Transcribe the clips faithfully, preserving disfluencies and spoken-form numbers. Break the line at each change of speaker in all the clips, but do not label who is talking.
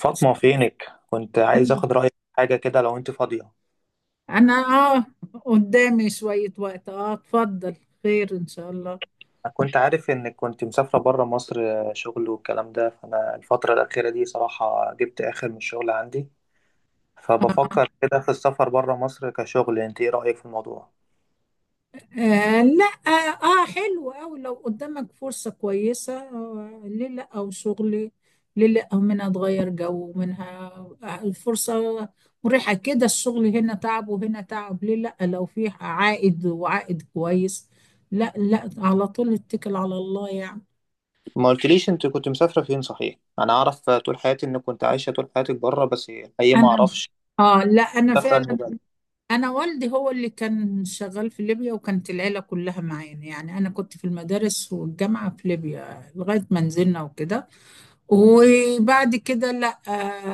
فاطمة فينك؟ كنت عايز اخد رأيك في حاجة كده لو انت فاضية.
انا. اه. قدامي شوية وقت، اه اتفضل. خير ان شاء الله.
انا كنت عارف انك كنت مسافرة بره مصر، آه، شغل والكلام ده، فانا الفترة الأخيرة دي صراحة جبت اخر من الشغل عندي، فبفكر كده في السفر بره مصر كشغل. انت ايه رأيك في الموضوع؟
آه، لا. اه. آه، حلو أوي لو قدامك فرصة كويسة. آه، ليه لا؟ او شغلي. ليه لا؟ او منها اتغير جو منها. آه، الفرصة مريحة كده. الشغل هنا تعب وهنا تعب. ليه لا لو فيه عائد وعائد كويس؟ لا، لا، على طول اتكل على الله يعني.
ما قلتليش انت كنت مسافرة فين صحيح؟ انا اعرف طول حياتي انك كنت عايشة طول حياتك بره، بس الحقيقة ما
انا.
اعرفش
اه. لا، انا
مسافرة
فعلا.
اني بلد.
انا والدي هو اللي كان شغال في ليبيا، وكانت العيله كلها معانا. يعني انا كنت في المدارس والجامعه في ليبيا لغايه ما نزلنا وكده. وبعد كده، لا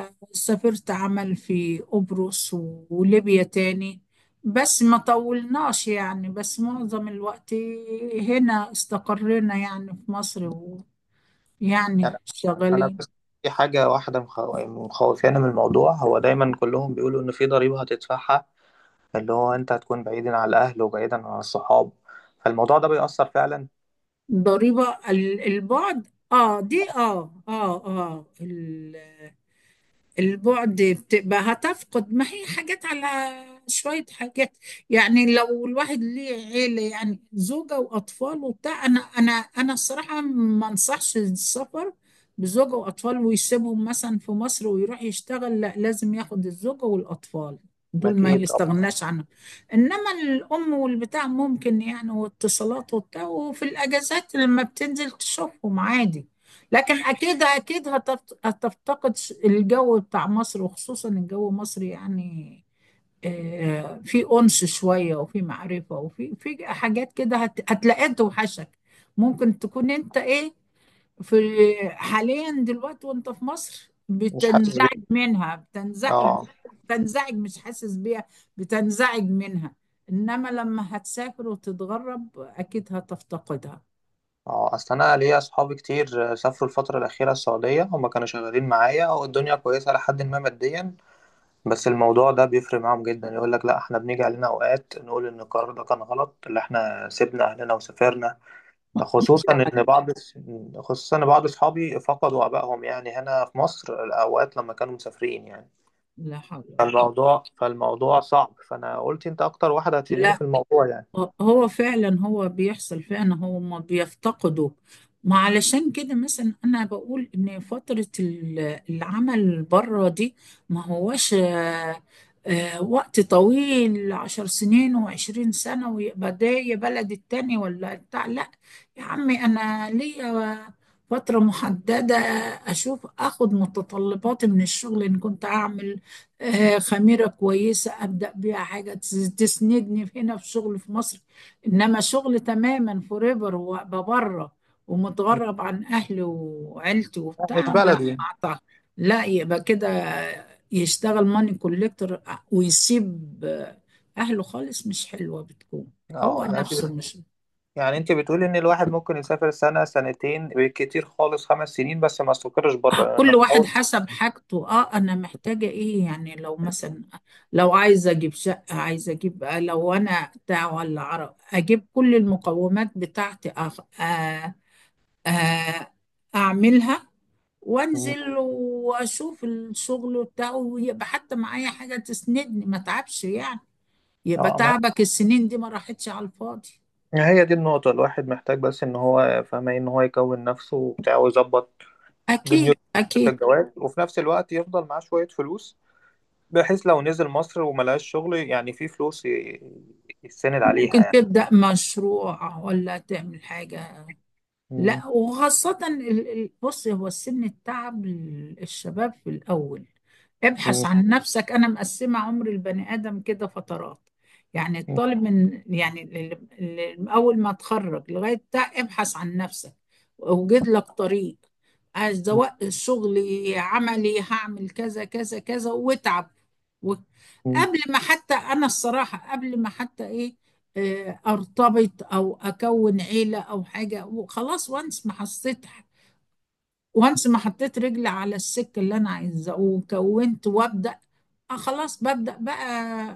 آه، سافرت عمل في قبرص و- وليبيا تاني. بس ما طولناش يعني. بس معظم الوقت هنا استقرينا يعني في مصر، ويعني
يعني انا
شغالين.
بس في حاجة واحدة مخ- مخوفاني من الموضوع، هو دايما كلهم بيقولوا ان في ضريبة هتدفعها، اللي هو انت هتكون بعيدا عن الاهل وبعيدا عن الصحاب، فالموضوع ده بيأثر فعلا.
ضريبه ال- البعد. اه دي. اه اه اه البعد بتبقى هتفقد ما هي حاجات، على شوية حاجات. يعني لو الواحد ليه عيلة، يعني زوجة وأطفال وبتاع. أنا أنا أنا الصراحة ما أنصحش السفر بزوجة وأطفال ويسيبهم مثلا في مصر ويروح يشتغل. لا، لازم ياخد الزوجة والأطفال، دول ما
اكيد طبعا.
يستغناش عنهم. إنما الأم والبتاع ممكن، يعني واتصالات وبتاع، وفي الأجازات لما بتنزل تشوفهم عادي. لكن اكيد اكيد هتفت- هتفتقد ش- الجو بتاع مصر، وخصوصا الجو مصري يعني. آه، في انس شويه وفي معرفه وفي في حاجات كده هت- هتلاقيها توحشك. ممكن تكون انت ايه؟ في، حاليا دلوقتي وانت في مصر
مش حاسس
بتنزعج
بيه.
منها، بتنزعج.
اه،
بتنزعج، مش حاسس بيها. بتنزعج منها. انما لما هتسافر وتتغرب اكيد هتفتقدها.
اه، اصل انا ليا اصحابي كتير سافروا الفتره الاخيره السعوديه، هما كانوا شغالين معايا والدنيا كويسه لحد ما ماديا، بس الموضوع ده بيفرق معاهم جدا. يقول لك لا، احنا بنيجي علينا اوقات نقول ان القرار ده كان غلط اللي احنا سيبنا اهلنا وسافرنا. خصوصا
لا
ان بعض خصوصا ان بعض اصحابي فقدوا ابائهم يعني هنا في مصر الاوقات لما كانوا مسافرين يعني.
لا حول ولا قوة.
فالموضوع فالموضوع صعب، فانا قلت انت اكتر واحده هتفيديني
لا،
في الموضوع يعني.
هو فعلا، هو بيحصل فعلا، هما بيفتقدوا. ما علشان كده مثلا انا بقول ان فترة ال- العمل بره دي ما هواش آه، آه، وقت طويل، عشر سنين وعشرين سنة ويبقى ده يا بلد التاني ولا بتاع، لا. يا عمي، انا ليا فترة محددة. اشوف اخد متطلباتي من الشغل ان كنت اعمل آه، خميرة كويسة أبدأ بيها حاجة تس- تسندني في- هنا في شغل في مصر. إنما شغل تماما فوريفر وأبقى بره ومتغرب عن أهلي وعيلتي
لا، مش
وبتاع، لا ما
بلدي.
أعتقد. لا، يبقى كده يشتغل ماني كوليكتور ويسيب أهله خالص، مش حلوة بتكون. هو
اه، يعني انت بت...
نفسه مش.
يعني انت بتقولي ان الواحد ممكن يسافر سنه سنتين بالكتير خالص خمس سنين، بس ما يستقرش بره لانه
كل
في
واحد
الاول.
حسب حاجته. اه، انا محتاجة ايه يعني؟ لو مثلا، لو عايزة اجيب شقة، عايزة اجيب آه، لو انا بتاع ولا عرب اجيب كل المقومات بتاعتي أخ... آه. آه، اعملها وانزل واشوف الشغل بتاعه، ويبقى حتى معايا حاجة تسندني ما تعبش يعني. يبقى
اه، ما
تعبك السنين دي ما راحتش على الفاضي.
هي هي دي النقطه، الواحد محتاج بس ان هو فاهمه إيه؟ ان هو يكون نفسه وبتاع ويظبط
اكيد،
دنيته في
اكيد.
الجواز، وفي نفس الوقت يفضل معاه شويه فلوس، بحيث لو نزل مصر وما لقاش شغل يعني في فلوس ي- يتسند عليها
ممكن
يعني.
تبدأ مشروع ولا تعمل حاجة.
مم.
لا، وخاصة ال- ال- بص، هو السن التعب، ال- الشباب في الأول ابحث
مم.
عن نفسك. أنا مقسمة عمر البني آدم كده فترات. يعني الطالب من يعني ال- ال- أول ما تخرج لغاية بتاع ابحث عن نفسك وأوجد لك طريق. عايز سواء شغلي عملي، هعمل كذا كذا كذا واتعب و-
مم.
قبل ما حتى، أنا الصراحة قبل ما حتى إيه، آه، ارتبط او اكون عيله او حاجه وخلاص. وانس ما حسيت، وانس ما حطيت رجلي على السك اللي انا عايزاه وكونت وابدا، آه خلاص ببدا بقى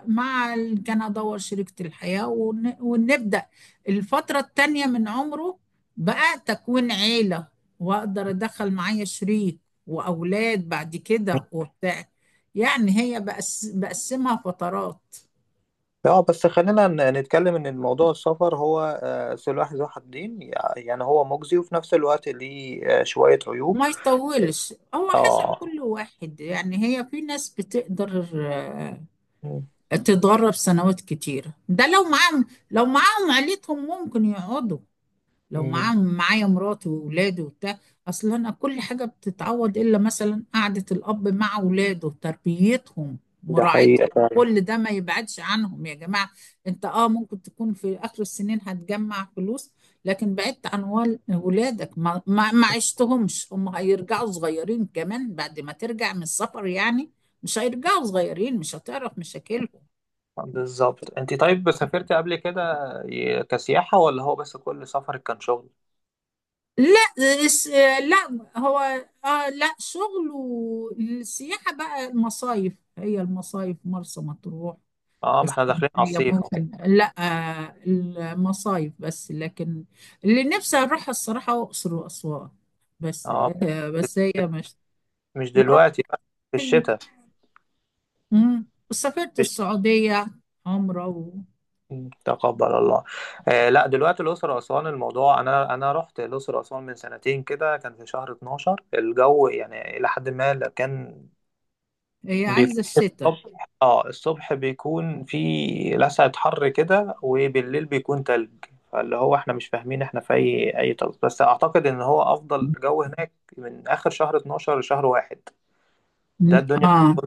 مع ال- كان ادور شريكه الحياه ون- ونبدا الفتره التانيه من عمره، بقى تكوين عيله واقدر ادخل معايا شريك واولاد بعد كده وبتاع. يعني هي بقس بقسمها فترات.
اه بس خلينا ن- نتكلم ان الموضوع السفر هو آه، سلاح ذو حدين، يع- يعني هو مجزي، وفي نفس الوقت ليه آه، شوية عيوب.
ما يطولش، هو حسب
اه.
كل واحد يعني. هي في ناس بتقدر آه،
م-
تتدرب سنوات كتيرة، ده لو معاهم لو معاهم عيلتهم ممكن يقعدوا. لو
م-
معاه معايا مراته وولاده وبتاع. اصل انا كل حاجه بتتعوض، الا مثلا قعده الاب مع ولاده، تربيتهم،
ده حقيقة
مراعتهم،
فعلا.
كل ده ما يبعدش عنهم يا جماعه. انت اه، ممكن تكون في اخر السنين هتجمع فلوس، لكن بعدت عن وال- ولادك ما, ما, ما عشتهمش. هم هيرجعوا صغيرين كمان بعد ما ترجع من السفر يعني؟ مش هيرجعوا صغيرين، مش هتعرف مشاكلهم.
بالظبط. انت طيب سافرت قبل كده ي- كسياحة، ولا هو بس كل سفرك كان شغل؟
لا الس- لا. هو اه، لا، شغل والسياحة بقى، المصايف هي المصايف مرسى مطروح،
اه، ما احنا داخلين على
اسكندرية
الصيف اهو.
ممكن، لا آه، المصايف بس. لكن اللي نفسي اروح الصراحة اقصر واسوان، بس
اه،
آه، بس هي مش.
مش دلوقتي بقى، في
وربنا.
الشتاء.
مم. سافرت السعودية عمرة.
تقبل الله. آه لا، دلوقتي الأقصر أسوان الموضوع، أنا أنا رحت الأقصر أسوان من سنتين كده، كان في شهر اتناشر، الجو يعني إلى حد ما لا، كان
وهي
بيكون
عايزة الشتاء.
الصبح، اه الصبح بيكون في لسعة حر كده، وبالليل بيكون تلج، فاللي هو احنا مش فاهمين احنا في أي أي تلج، بس أعتقد إن هو أفضل جو هناك من آخر شهر اتناشر لشهر واحد. ده
مم.
الدنيا.
اه.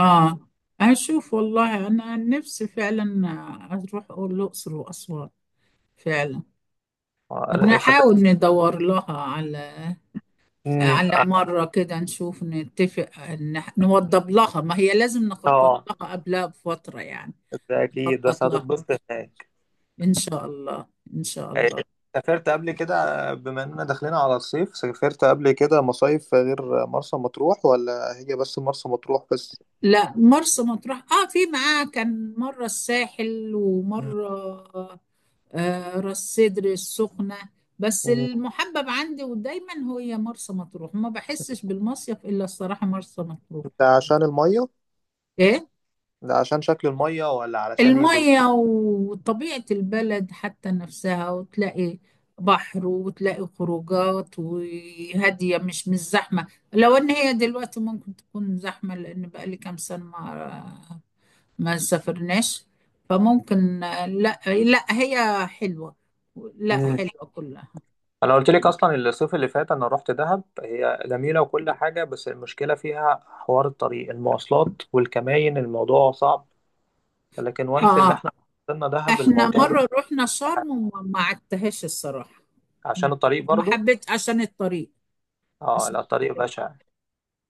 آه، أشوف والله. أنا عن نفسي فعلا آه، أروح الأقصر وأسوان فعلا.
آه، سافرت.
نحاول ندور لها على،
مم،
على
اه
مرة كده نشوف نتفق، نح- نوضب لها، ما هي لازم نخطط
آه،
لها قبلها بفترة يعني.
ده أكيد بس
نخطط لها
هتتبسط هناك.
إن شاء الله. إن شاء الله.
سافرت قبل كده؟ بما اننا داخلين على الصيف، سافرت قبل كده مصايف غير مرسى مطروح، ولا هي بس مرسى مطروح بس؟
لا، مرسى مطروح آه، في معاه كان مرة الساحل
مم.
ومرة آه، راس سدر السخنة. بس
مم.
المحبب عندي ودايما هي مرسى مطروح، ما بحسش بالمصيف إلا الصراحة مرسى مطروح.
ده عشان المية؟
إيه؟
ده عشان شكل المية ولا علشان ايه بالظبط؟
المية وطبيعة البلد حتى نفسها، وتلاقي بحر وتلاقي خروجات وهادية مش مش زحمة. لو إن هي دلوقتي ممكن تكون زحمة لأن بقالي كام سنة ما ما سافرناش. فممكن آه، لا، لا، هي حلوة. لا،
مم.
حلوة كلها.
انا قلت لك اصلا الصيف اللي فات انا رحت دهب، هي جميلة وكل حاجة، بس المشكلة فيها حوار الطريق، المواصلات والكماين الموضوع صعب. لكن وانس اللي
اه،
احنا وصلنا دهب،
احنا
الموضوع ده-
مرة رحنا شرم وما ما عدتهاش الصراحة.
عشان
أنا
الطريق
ما
برضو.
حبيت عشان الطريق.
اه
عشان
لا، الطريق
الطريق.
بشع.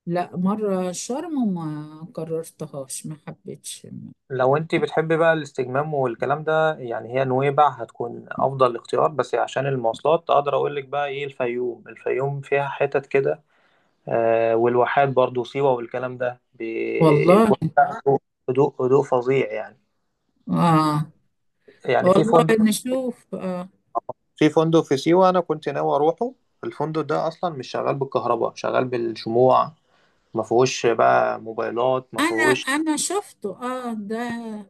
لا، مرة شرم وما قررتهاش ما حبيتش.
لو انت بتحبي بقى الاستجمام والكلام ده، يعني هي نويبع هتكون افضل اختيار، بس عشان المواصلات اقدر اقول لك بقى ايه، الفيوم، الفيوم فيها حتت كده آه، والواحات برضو، سيوة، والكلام ده
والله.
بيكون فيها هدوء، هدوء هدوء فظيع يعني.
اه،
يعني في
والله
فندق،
نشوف آه.
في فندق في سيوة انا كنت ناوي اروحه. الفندق ده اصلا مش شغال بالكهرباء، شغال بالشموع، ما فيهوش بقى موبايلات، ما
انا
فيهوش.
انا شفته اه ده،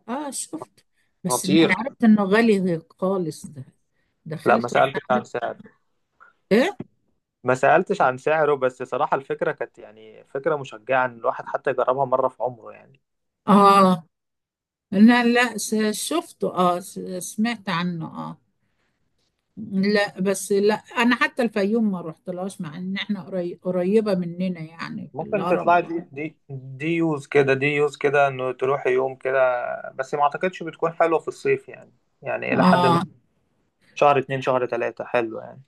اه شفته، بس ان انا
خطير.
عرفت انه غالي خالص ده.
لا ما
دخلت وانا
سألتش عن
عرفت.
سعر،
ايه؟
ما سألتش عن سعره، بس صراحة الفكرة كانت يعني فكرة مشجعة إن الواحد حتى يجربها مرة في عمره يعني.
اه، لا لا س- شفته. اه، س- سمعت عنه اه. لا بس، لا انا حتى الفيوم ما رحتلهاش، مع ان احنا قري- قريبة مننا يعني في
ممكن
الهرم.
تطلع دي دي دي يوز كده، دي يوز كده، إنه تروح يوم كده، بس ما أعتقدش بتكون حلوة في الصيف يعني. يعني إلى حد ما
اه،
شهر اتنين شهر تلاتة حلو يعني.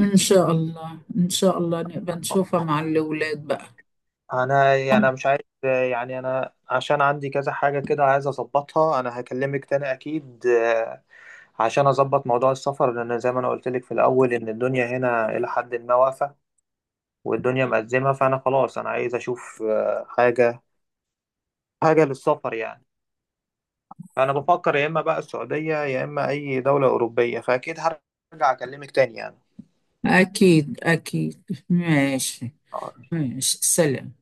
ان شاء الله، ان شاء الله نبقى نشوفها مع الاولاد بقى.
أنا يعني أنا مش عايز، يعني أنا عشان عندي كذا حاجة كده عايز أظبطها، أنا هكلمك تاني أكيد آه، عشان أظبط موضوع السفر، لأن زي ما أنا قلت لك في الأول إن الدنيا هنا إلى حد ما واقفة، والدنيا مأزمة، فأنا خلاص أنا عايز أشوف آه، حاجة، حاجة للسفر يعني. فأنا بفكر يا إما بقى السعودية يا إما أي دولة أوروبية، فأكيد هرجع أكلمك تاني
اكيد، اكيد. ماشي.
يعني.
ماشي، سلام.